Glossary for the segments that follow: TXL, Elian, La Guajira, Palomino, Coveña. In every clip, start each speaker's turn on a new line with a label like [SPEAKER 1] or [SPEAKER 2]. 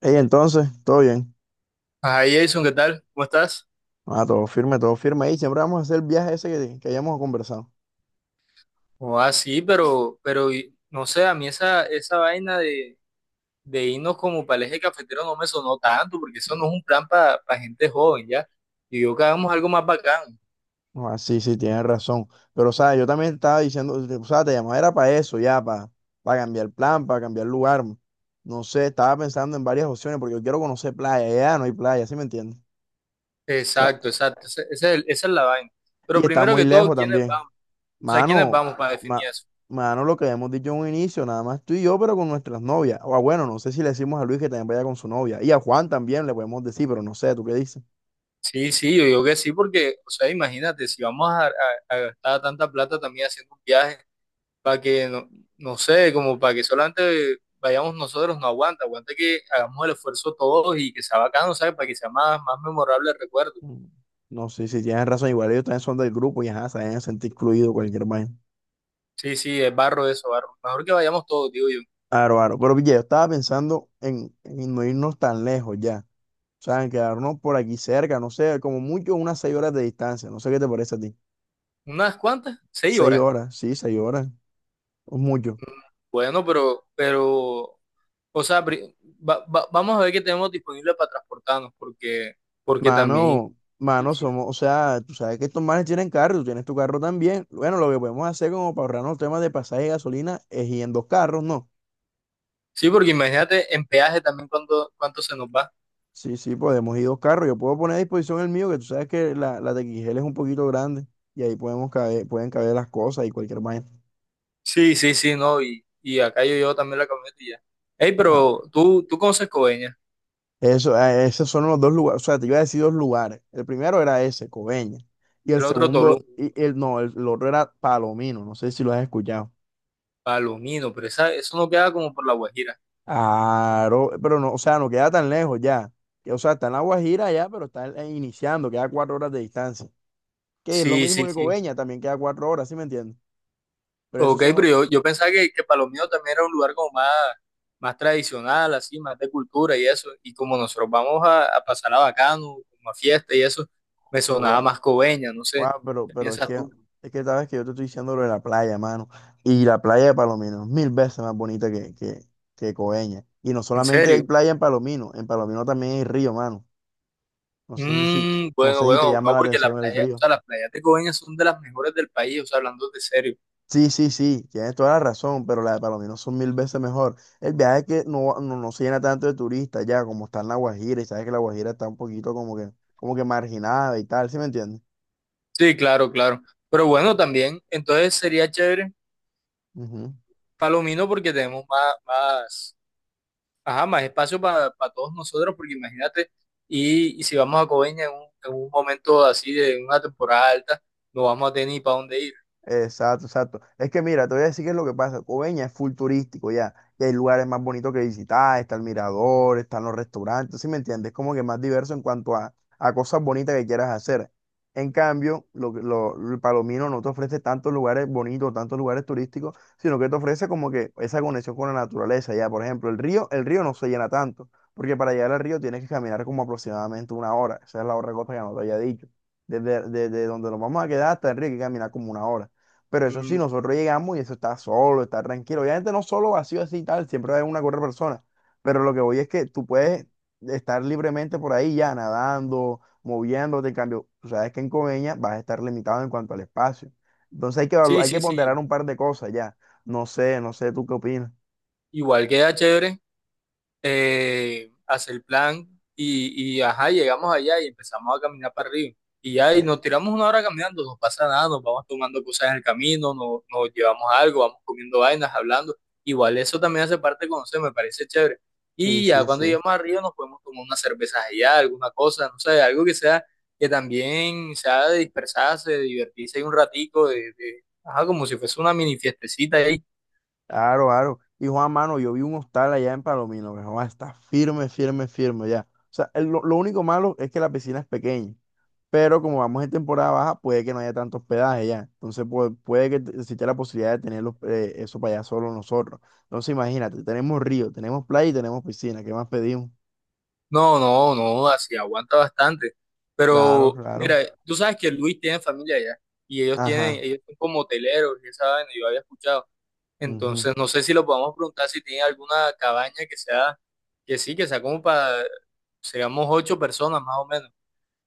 [SPEAKER 1] Ey, entonces, todo bien.
[SPEAKER 2] Ah, Jason, ¿qué tal? ¿Cómo estás?
[SPEAKER 1] Ah, todo firme, todo firme. Y siempre vamos a hacer el viaje ese que hayamos conversado.
[SPEAKER 2] O sí, pero, no sé, a mí esa vaina de irnos como para el eje cafetero no me sonó tanto, porque eso no es un plan para gente joven, ¿ya? Y yo que hagamos algo más bacán.
[SPEAKER 1] Ah, sí, sí, tienes razón. Pero, o sea, yo también estaba diciendo, o sea, te llamaba era para eso, ya, para cambiar el plan, para cambiar lugar. No sé, estaba pensando en varias opciones porque yo quiero conocer playa. Ya no hay playa, ¿sí me entiendes? O sea,
[SPEAKER 2] Exacto, exacto, ese es esa es la vaina. Pero
[SPEAKER 1] y está
[SPEAKER 2] primero
[SPEAKER 1] muy
[SPEAKER 2] que todo,
[SPEAKER 1] lejos
[SPEAKER 2] ¿quiénes
[SPEAKER 1] también.
[SPEAKER 2] vamos? O sea, ¿quiénes
[SPEAKER 1] Mano,
[SPEAKER 2] vamos para definir
[SPEAKER 1] ma-
[SPEAKER 2] eso?
[SPEAKER 1] mano, lo que habíamos dicho en un inicio, nada más tú y yo, pero con nuestras novias. O ah, bueno, no sé si le decimos a Luis que también vaya con su novia. Y a Juan también le podemos decir, pero no sé, ¿tú qué dices?
[SPEAKER 2] Sí, sí, yo digo que sí, porque, o sea, imagínate, si vamos a gastar tanta plata también haciendo un viaje, para que, no, no sé, como para que solamente vayamos nosotros, no aguanta, aguanta que hagamos el esfuerzo todos y que sea bacano, ¿sabes? Para que sea más, más memorable el recuerdo.
[SPEAKER 1] Mm. No sé si tienes razón, igual ellos también son del grupo y ajá, se deben sentir incluidos cualquier vaina.
[SPEAKER 2] Sí, sí, es barro eso, barro. Mejor que vayamos todos, digo yo.
[SPEAKER 1] Aro, aro. Pero pille, yo estaba pensando en no irnos tan lejos ya. O sea, en quedarnos por aquí cerca, no sé, como mucho unas 6 horas de distancia. No sé qué te parece a ti.
[SPEAKER 2] ¿Unas cuantas? Seis
[SPEAKER 1] Seis
[SPEAKER 2] horas.
[SPEAKER 1] horas, sí, 6 horas. Es mucho.
[SPEAKER 2] Mm, Bueno, pero, o sea, vamos a ver qué tenemos disponible para transportarnos, porque, porque también
[SPEAKER 1] Mano,
[SPEAKER 2] es
[SPEAKER 1] mano,
[SPEAKER 2] difícil.
[SPEAKER 1] somos, o sea, tú sabes que estos manes tienen carro, tú tienes tu carro también. Bueno, lo que podemos hacer como para ahorrarnos el tema de pasaje y gasolina es ir en dos carros, ¿no?
[SPEAKER 2] Sí, porque imagínate en peaje también cuánto, cuánto se nos va.
[SPEAKER 1] Sí, sí, podemos ir dos carros. Yo puedo poner a disposición el mío, que tú sabes que la TXL es un poquito grande y ahí podemos caber, pueden caber las cosas y cualquier vaina.
[SPEAKER 2] Sí, sí, sí, no, y acá yo llevo también la camioneta y ya. Ey,
[SPEAKER 1] Claro.
[SPEAKER 2] pero tú conoces Coveñas,
[SPEAKER 1] Eso, esos son los dos lugares. O sea, te iba a decir dos lugares. El primero era ese, Coveña. Y el
[SPEAKER 2] el otro
[SPEAKER 1] segundo,
[SPEAKER 2] Tolú,
[SPEAKER 1] y el otro era Palomino. No sé si lo has escuchado.
[SPEAKER 2] Palomino, pero esa, eso no queda como por La Guajira.
[SPEAKER 1] Claro, pero no, o sea, no queda tan lejos ya. Que, o sea, está en La Guajira ya, pero está iniciando, queda 4 horas de distancia. Que es lo
[SPEAKER 2] Sí,
[SPEAKER 1] mismo
[SPEAKER 2] sí,
[SPEAKER 1] que
[SPEAKER 2] sí.
[SPEAKER 1] Coveña, también queda 4 horas, ¿sí me entiendes? Pero esos
[SPEAKER 2] Ok, pero
[SPEAKER 1] son
[SPEAKER 2] yo pensaba que Palomino también era un lugar como más, más tradicional, así, más de cultura y eso. Y como nosotros vamos a pasar a Bacano, como a fiesta y eso, me sonaba
[SPEAKER 1] los.
[SPEAKER 2] más Coveñas, no sé.
[SPEAKER 1] Guau, pero,
[SPEAKER 2] ¿Qué
[SPEAKER 1] pero
[SPEAKER 2] piensas tú?
[SPEAKER 1] es que sabes que yo te estoy diciendo lo de la playa, mano. Y la playa de Palomino es mil veces más bonita que Coveñas. Y no
[SPEAKER 2] ¿En
[SPEAKER 1] solamente hay
[SPEAKER 2] serio?
[SPEAKER 1] playa en Palomino también hay río, mano. No sé si, no
[SPEAKER 2] Bueno,
[SPEAKER 1] sé si te
[SPEAKER 2] bueno,
[SPEAKER 1] llama
[SPEAKER 2] no,
[SPEAKER 1] la
[SPEAKER 2] porque la
[SPEAKER 1] atención el
[SPEAKER 2] playa, o
[SPEAKER 1] río.
[SPEAKER 2] sea, las playas de Coveñas son de las mejores del país, o sea, hablando de serio.
[SPEAKER 1] Sí, sí, sí, tienes toda la razón, pero la de Palomino son mil veces mejor. El viaje es que no se llena tanto de turistas ya, como está en La Guajira, y sabes que La Guajira está un poquito como que marginada y tal, ¿sí me entiendes?
[SPEAKER 2] Sí, claro, claro. Pero bueno, también, entonces sería chévere
[SPEAKER 1] Ujú.
[SPEAKER 2] Palomino porque tenemos más, más, ajá, más espacio para todos nosotros, porque imagínate, y si vamos a Coveña en en un momento así de una temporada alta, no vamos a tener ni para dónde ir.
[SPEAKER 1] Exacto, exacto. Es que mira, te voy a decir qué es lo que pasa. Coveña es full turístico ya. Y hay lugares más bonitos que visitar, está el mirador, están los restaurantes, ¿sí me entiendes? Es como que más diverso en cuanto a cosas bonitas que quieras hacer. En cambio, el Palomino no te ofrece tantos lugares bonitos, tantos lugares turísticos, sino que te ofrece como que esa conexión con la naturaleza ya. Por ejemplo, el río no se llena tanto, porque para llegar al río tienes que caminar como aproximadamente una hora. Esa es la otra cosa que no te había dicho. Desde donde nos vamos a quedar hasta el río hay que caminar como una hora. Pero eso sí,
[SPEAKER 2] Mm,
[SPEAKER 1] nosotros llegamos y eso está solo, está tranquilo. Obviamente no solo vacío así y tal, siempre hay una otra persona. Pero lo que voy es que tú puedes estar libremente por ahí ya nadando, moviéndote. En cambio, tú sabes que en Coveña vas a estar limitado en cuanto al espacio. Entonces hay que,
[SPEAKER 2] sí,
[SPEAKER 1] hay que
[SPEAKER 2] sí,
[SPEAKER 1] ponderar
[SPEAKER 2] sí.
[SPEAKER 1] un par de cosas ya. No sé, ¿tú qué opinas?
[SPEAKER 2] Igual queda chévere. Hacer el plan y, ajá, llegamos allá y empezamos a caminar para arriba. Y ya, y
[SPEAKER 1] Eh,
[SPEAKER 2] nos tiramos una hora caminando, no pasa nada, nos vamos tomando cosas en el camino, nos, nos llevamos algo, vamos comiendo vainas, hablando. Igual eso también hace parte de conocer, me parece chévere.
[SPEAKER 1] sí,
[SPEAKER 2] Y ya
[SPEAKER 1] sí,
[SPEAKER 2] cuando
[SPEAKER 1] sí.
[SPEAKER 2] lleguemos arriba nos podemos tomar unas cervezas allá, alguna cosa, no sé, algo que sea, que también sea de dispersarse, de divertirse ahí un ratico, ajá, como si fuese una mini fiestecita ahí.
[SPEAKER 1] Claro, claro. Y Juan Mano, yo vi un hostal allá en Palomino, que Juan, está firme, firme, firme ya. O sea, lo único malo es que la piscina es pequeña. Pero como vamos en temporada baja, puede que no haya tanto hospedaje ya. Entonces, pues, puede que exista la posibilidad de tener los, eso para allá solo nosotros. Entonces, imagínate, tenemos río, tenemos playa y tenemos piscina. ¿Qué más pedimos?
[SPEAKER 2] No, no, no, así aguanta bastante.
[SPEAKER 1] Claro,
[SPEAKER 2] Pero,
[SPEAKER 1] claro.
[SPEAKER 2] mira, tú sabes que Luis tiene familia allá y ellos tienen,
[SPEAKER 1] Ajá.
[SPEAKER 2] ellos son como hoteleros y esa vaina, yo había escuchado.
[SPEAKER 1] Ujú.
[SPEAKER 2] Entonces, no sé si lo podemos preguntar si tiene alguna cabaña que sea, que sí, que sea como para, seamos ocho personas más o menos.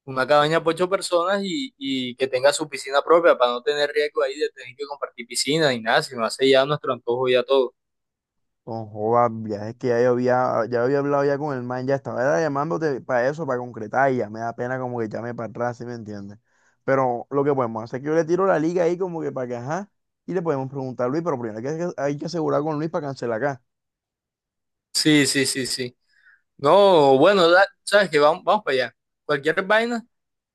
[SPEAKER 2] Una
[SPEAKER 1] O-
[SPEAKER 2] cabaña para ocho personas y que tenga su piscina propia para no tener riesgo ahí de tener que compartir piscina ni nada, sino hace ya nuestro antojo ya todo.
[SPEAKER 1] Con joda, viajes que ya había hablado ya con el man, ya estaba era llamándote para eso, para concretar, y ya me da pena como que llame para atrás, ¿sí me entiendes? Pero lo que podemos hacer es que yo le tiro la liga ahí como que para que, ajá, y le podemos preguntar a Luis, pero primero hay que asegurar con Luis para cancelar acá.
[SPEAKER 2] Sí, sí, sí, sí. No, bueno, sabes que vamos, vamos para allá. Cualquier vaina.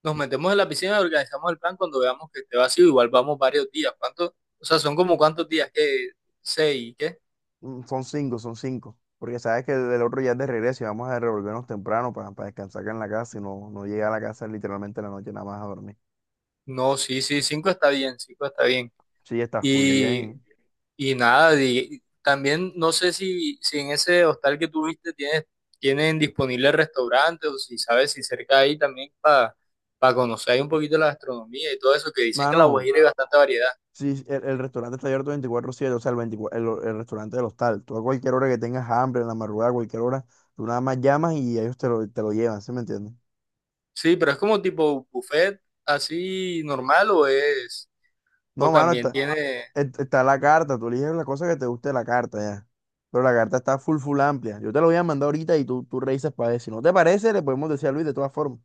[SPEAKER 2] Nos metemos en la piscina y organizamos el plan cuando veamos que esté vacío. Igual vamos varios días. ¿Cuánto? O sea, son como cuántos días, ¿qué? ¿Seis? ¿Qué?
[SPEAKER 1] Mm, son cinco, son cinco. Porque sabes que el otro ya es de regreso y vamos a revolvernos temprano para descansar acá en la casa y no llegar a la casa literalmente en la noche nada más a dormir.
[SPEAKER 2] No, sí, sí, cinco está bien, cinco está bien.
[SPEAKER 1] Sí, está full
[SPEAKER 2] Y,
[SPEAKER 1] bien.
[SPEAKER 2] y nada, también no sé si, si en ese hostal que tuviste tienen disponible restaurante o si sabes si cerca ahí también para conocer ahí un poquito la gastronomía y todo eso, que dicen que en La
[SPEAKER 1] Mano,
[SPEAKER 2] Guajira hay bastante variedad.
[SPEAKER 1] sí, el restaurante está abierto 24 siete o sea, 24 el restaurante del hostal. Tú a cualquier hora que tengas hambre, en la madrugada, a cualquier hora, tú nada más llamas y ellos te lo llevan, ¿sí me entiendes?
[SPEAKER 2] Sí, pero es como tipo buffet así normal o es, o
[SPEAKER 1] No, mano,
[SPEAKER 2] también
[SPEAKER 1] está,
[SPEAKER 2] tiene.
[SPEAKER 1] est- está la carta, tú eliges la cosa que te guste de la carta ya. Pero la carta está full, full amplia. Yo te la voy a mandar ahorita y tú revisas para ver. Si no te parece, le podemos decir a Luis de todas formas.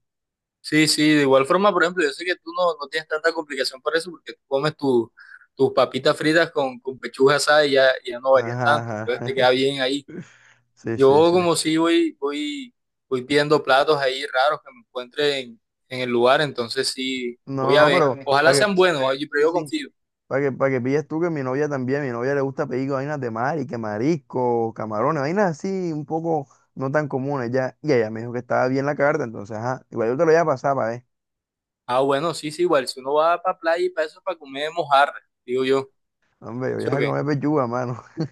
[SPEAKER 2] Sí, sí, de igual forma, por ejemplo, yo sé que tú no, no tienes tanta complicación por eso, porque tú comes tus papitas fritas con pechuga asada y ya, ya no varías
[SPEAKER 1] Ajá,
[SPEAKER 2] tanto,
[SPEAKER 1] ajá.
[SPEAKER 2] entonces te queda bien ahí.
[SPEAKER 1] Sí, sí,
[SPEAKER 2] Yo
[SPEAKER 1] sí.
[SPEAKER 2] como sí voy, voy, voy pidiendo platos ahí raros que me encuentre en el lugar, entonces sí,
[SPEAKER 1] No,
[SPEAKER 2] voy a
[SPEAKER 1] no,
[SPEAKER 2] ver.
[SPEAKER 1] pero
[SPEAKER 2] Ojalá
[SPEAKER 1] para que,
[SPEAKER 2] sean buenos, oye, pero
[SPEAKER 1] sí,
[SPEAKER 2] yo
[SPEAKER 1] sí.
[SPEAKER 2] confío.
[SPEAKER 1] Para que pilles tú que mi novia también, mi novia le gusta pedir vainas de mar y que marisco, camarones, vainas así un poco no tan comunes ya. Y ella me dijo que estaba bien la carta, entonces, ajá. Igual yo te lo voy a pasar para ver.
[SPEAKER 2] Ah, bueno, sí, sí, igual, si uno va para playa y para eso es para comer mojarra, digo yo.
[SPEAKER 1] Hombre, yo
[SPEAKER 2] ¿Sí
[SPEAKER 1] voy
[SPEAKER 2] o
[SPEAKER 1] a
[SPEAKER 2] qué?
[SPEAKER 1] comer pechuga, mano.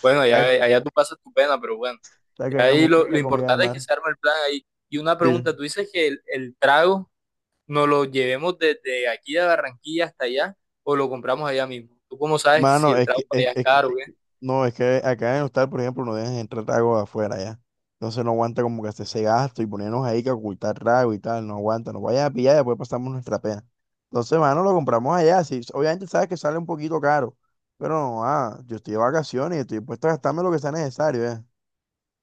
[SPEAKER 2] Bueno, allá,
[SPEAKER 1] Sabes
[SPEAKER 2] allá tú pasas tu pena, pero bueno.
[SPEAKER 1] sabes que
[SPEAKER 2] Y
[SPEAKER 1] a mí no me
[SPEAKER 2] ahí
[SPEAKER 1] gusta
[SPEAKER 2] lo
[SPEAKER 1] esa comida de
[SPEAKER 2] importante es que
[SPEAKER 1] mar.
[SPEAKER 2] se arme el plan ahí. Y una
[SPEAKER 1] Sí.
[SPEAKER 2] pregunta, ¿tú dices que el trago nos lo llevemos desde aquí de Barranquilla hasta allá o lo compramos allá mismo? ¿Tú cómo sabes que si
[SPEAKER 1] Mano,
[SPEAKER 2] el
[SPEAKER 1] es
[SPEAKER 2] trago
[SPEAKER 1] que,
[SPEAKER 2] por
[SPEAKER 1] es,
[SPEAKER 2] allá es
[SPEAKER 1] es que-
[SPEAKER 2] caro o
[SPEAKER 1] es
[SPEAKER 2] qué?
[SPEAKER 1] que- no, es que acá en Hostal, por ejemplo, no dejan entrar trago de afuera ya. Entonces no aguanta como que hacer ese gasto y ponernos ahí que ocultar trago y tal, no aguanta, nos vayas a pillar y después pasamos nuestra pena. Entonces, mano, lo compramos allá. Sí, obviamente sabes que sale un poquito caro, pero no, ah, yo estoy de vacaciones y estoy dispuesto a gastarme lo que sea necesario, ya.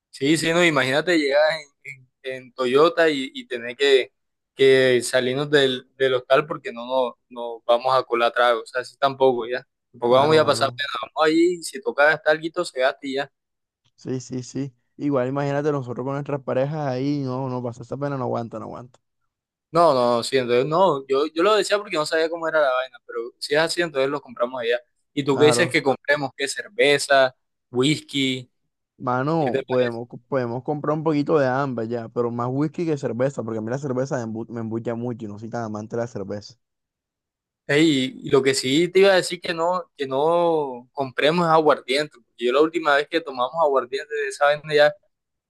[SPEAKER 2] Sí, sí, no, imagínate llegar en, en- en Toyota y tener que salirnos del, del hostal porque no nos no vamos a colar trago. O sea, así tampoco, ya. Tampoco vamos a
[SPEAKER 1] Claro,
[SPEAKER 2] ir a pasar
[SPEAKER 1] claro.
[SPEAKER 2] pena. Vamos ahí, si toca gastar algo, se gasta y ya.
[SPEAKER 1] Sí, sí, sí. Igual imagínate nosotros con nuestras parejas ahí, no pasa esa pena, no aguanta, no aguanta.
[SPEAKER 2] No, no, sí, entonces no, yo lo decía porque no sabía cómo era la vaina, pero si es así, entonces lo compramos allá. ¿Y tú qué dices
[SPEAKER 1] Claro.
[SPEAKER 2] que compremos? ¿Qué cerveza? ¿Whisky? ¿Qué
[SPEAKER 1] Mano,
[SPEAKER 2] te parece?
[SPEAKER 1] podemos comprar un poquito de ambas ya, pero más whisky que cerveza, porque a mí la cerveza me embucha mucho y no soy tan amante de la cerveza.
[SPEAKER 2] Ey, y lo que sí te iba a decir que no compremos es aguardiente, porque yo la última vez que tomamos aguardiente de esa vaina ya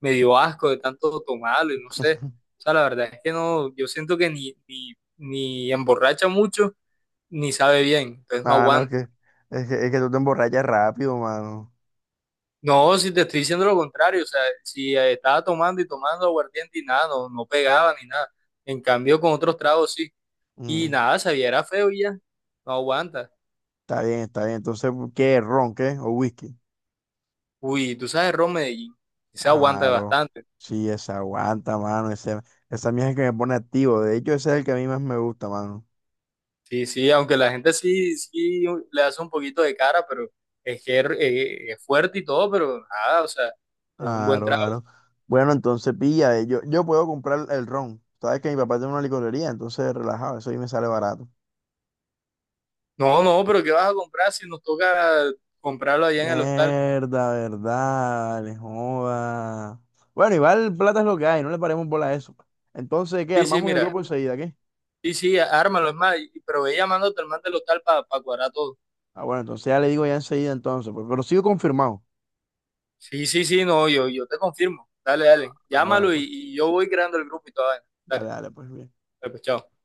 [SPEAKER 2] me dio asco de tanto tomarlo y no sé. O sea, la verdad es que no, yo siento que ni, ni, ni emborracha mucho, ni sabe bien, entonces no
[SPEAKER 1] Mano, es que,
[SPEAKER 2] aguanta.
[SPEAKER 1] es que, es que tú te emborrachas rápido, mano.
[SPEAKER 2] No, si te estoy diciendo lo contrario, o sea, si estaba tomando y tomando aguardiente y nada, no, no pegaba ni nada. En cambio, con otros tragos sí. Y
[SPEAKER 1] Mm,
[SPEAKER 2] nada, sabía, era feo y ya, no aguanta.
[SPEAKER 1] está bien, está bien. Entonces, ¿qué? ¿Ron, qué? ¿O whisky?
[SPEAKER 2] Uy, tú sabes, Ron Medellín, sí se aguanta
[SPEAKER 1] Claro.
[SPEAKER 2] bastante.
[SPEAKER 1] Sí, esa aguanta, mano. Ese, esa mía es el que me pone activo. De hecho, ese es el que a mí más me gusta, mano.
[SPEAKER 2] Sí, sí, aunque la gente sí, sí le hace un poquito de cara, pero es que es fuerte y todo, pero nada, o sea, es un buen
[SPEAKER 1] Claro,
[SPEAKER 2] trago.
[SPEAKER 1] claro. Bueno, entonces pilla. Yo puedo comprar el ron. Sabes que mi papá tiene una licorería, entonces relajado. Eso ahí me sale barato.
[SPEAKER 2] No, no, pero ¿qué vas a comprar si nos toca comprarlo allá en el hostal?
[SPEAKER 1] Mierda, verdad, vale, joda. Bueno, igual plata es lo que hay, no le paremos bola a eso. Entonces, ¿qué?
[SPEAKER 2] Sí, sí,
[SPEAKER 1] Armamos el
[SPEAKER 2] mira.
[SPEAKER 1] grupo enseguida, ¿qué?
[SPEAKER 2] Sí, sí, ármalo, es más, pero ve llamándote al man del local para cuadrar todo.
[SPEAKER 1] Ah, bueno, entonces ya le digo ya enseguida entonces, pues, pero sigo confirmado.
[SPEAKER 2] Sí, sí, sí, no, yo te confirmo. Dale, dale.
[SPEAKER 1] Ah, bueno,
[SPEAKER 2] Llámalo
[SPEAKER 1] pues,
[SPEAKER 2] y yo voy creando el grupo y toda vaina.
[SPEAKER 1] dale,
[SPEAKER 2] Dale,
[SPEAKER 1] dale, pues bien.
[SPEAKER 2] dale, pues, chao.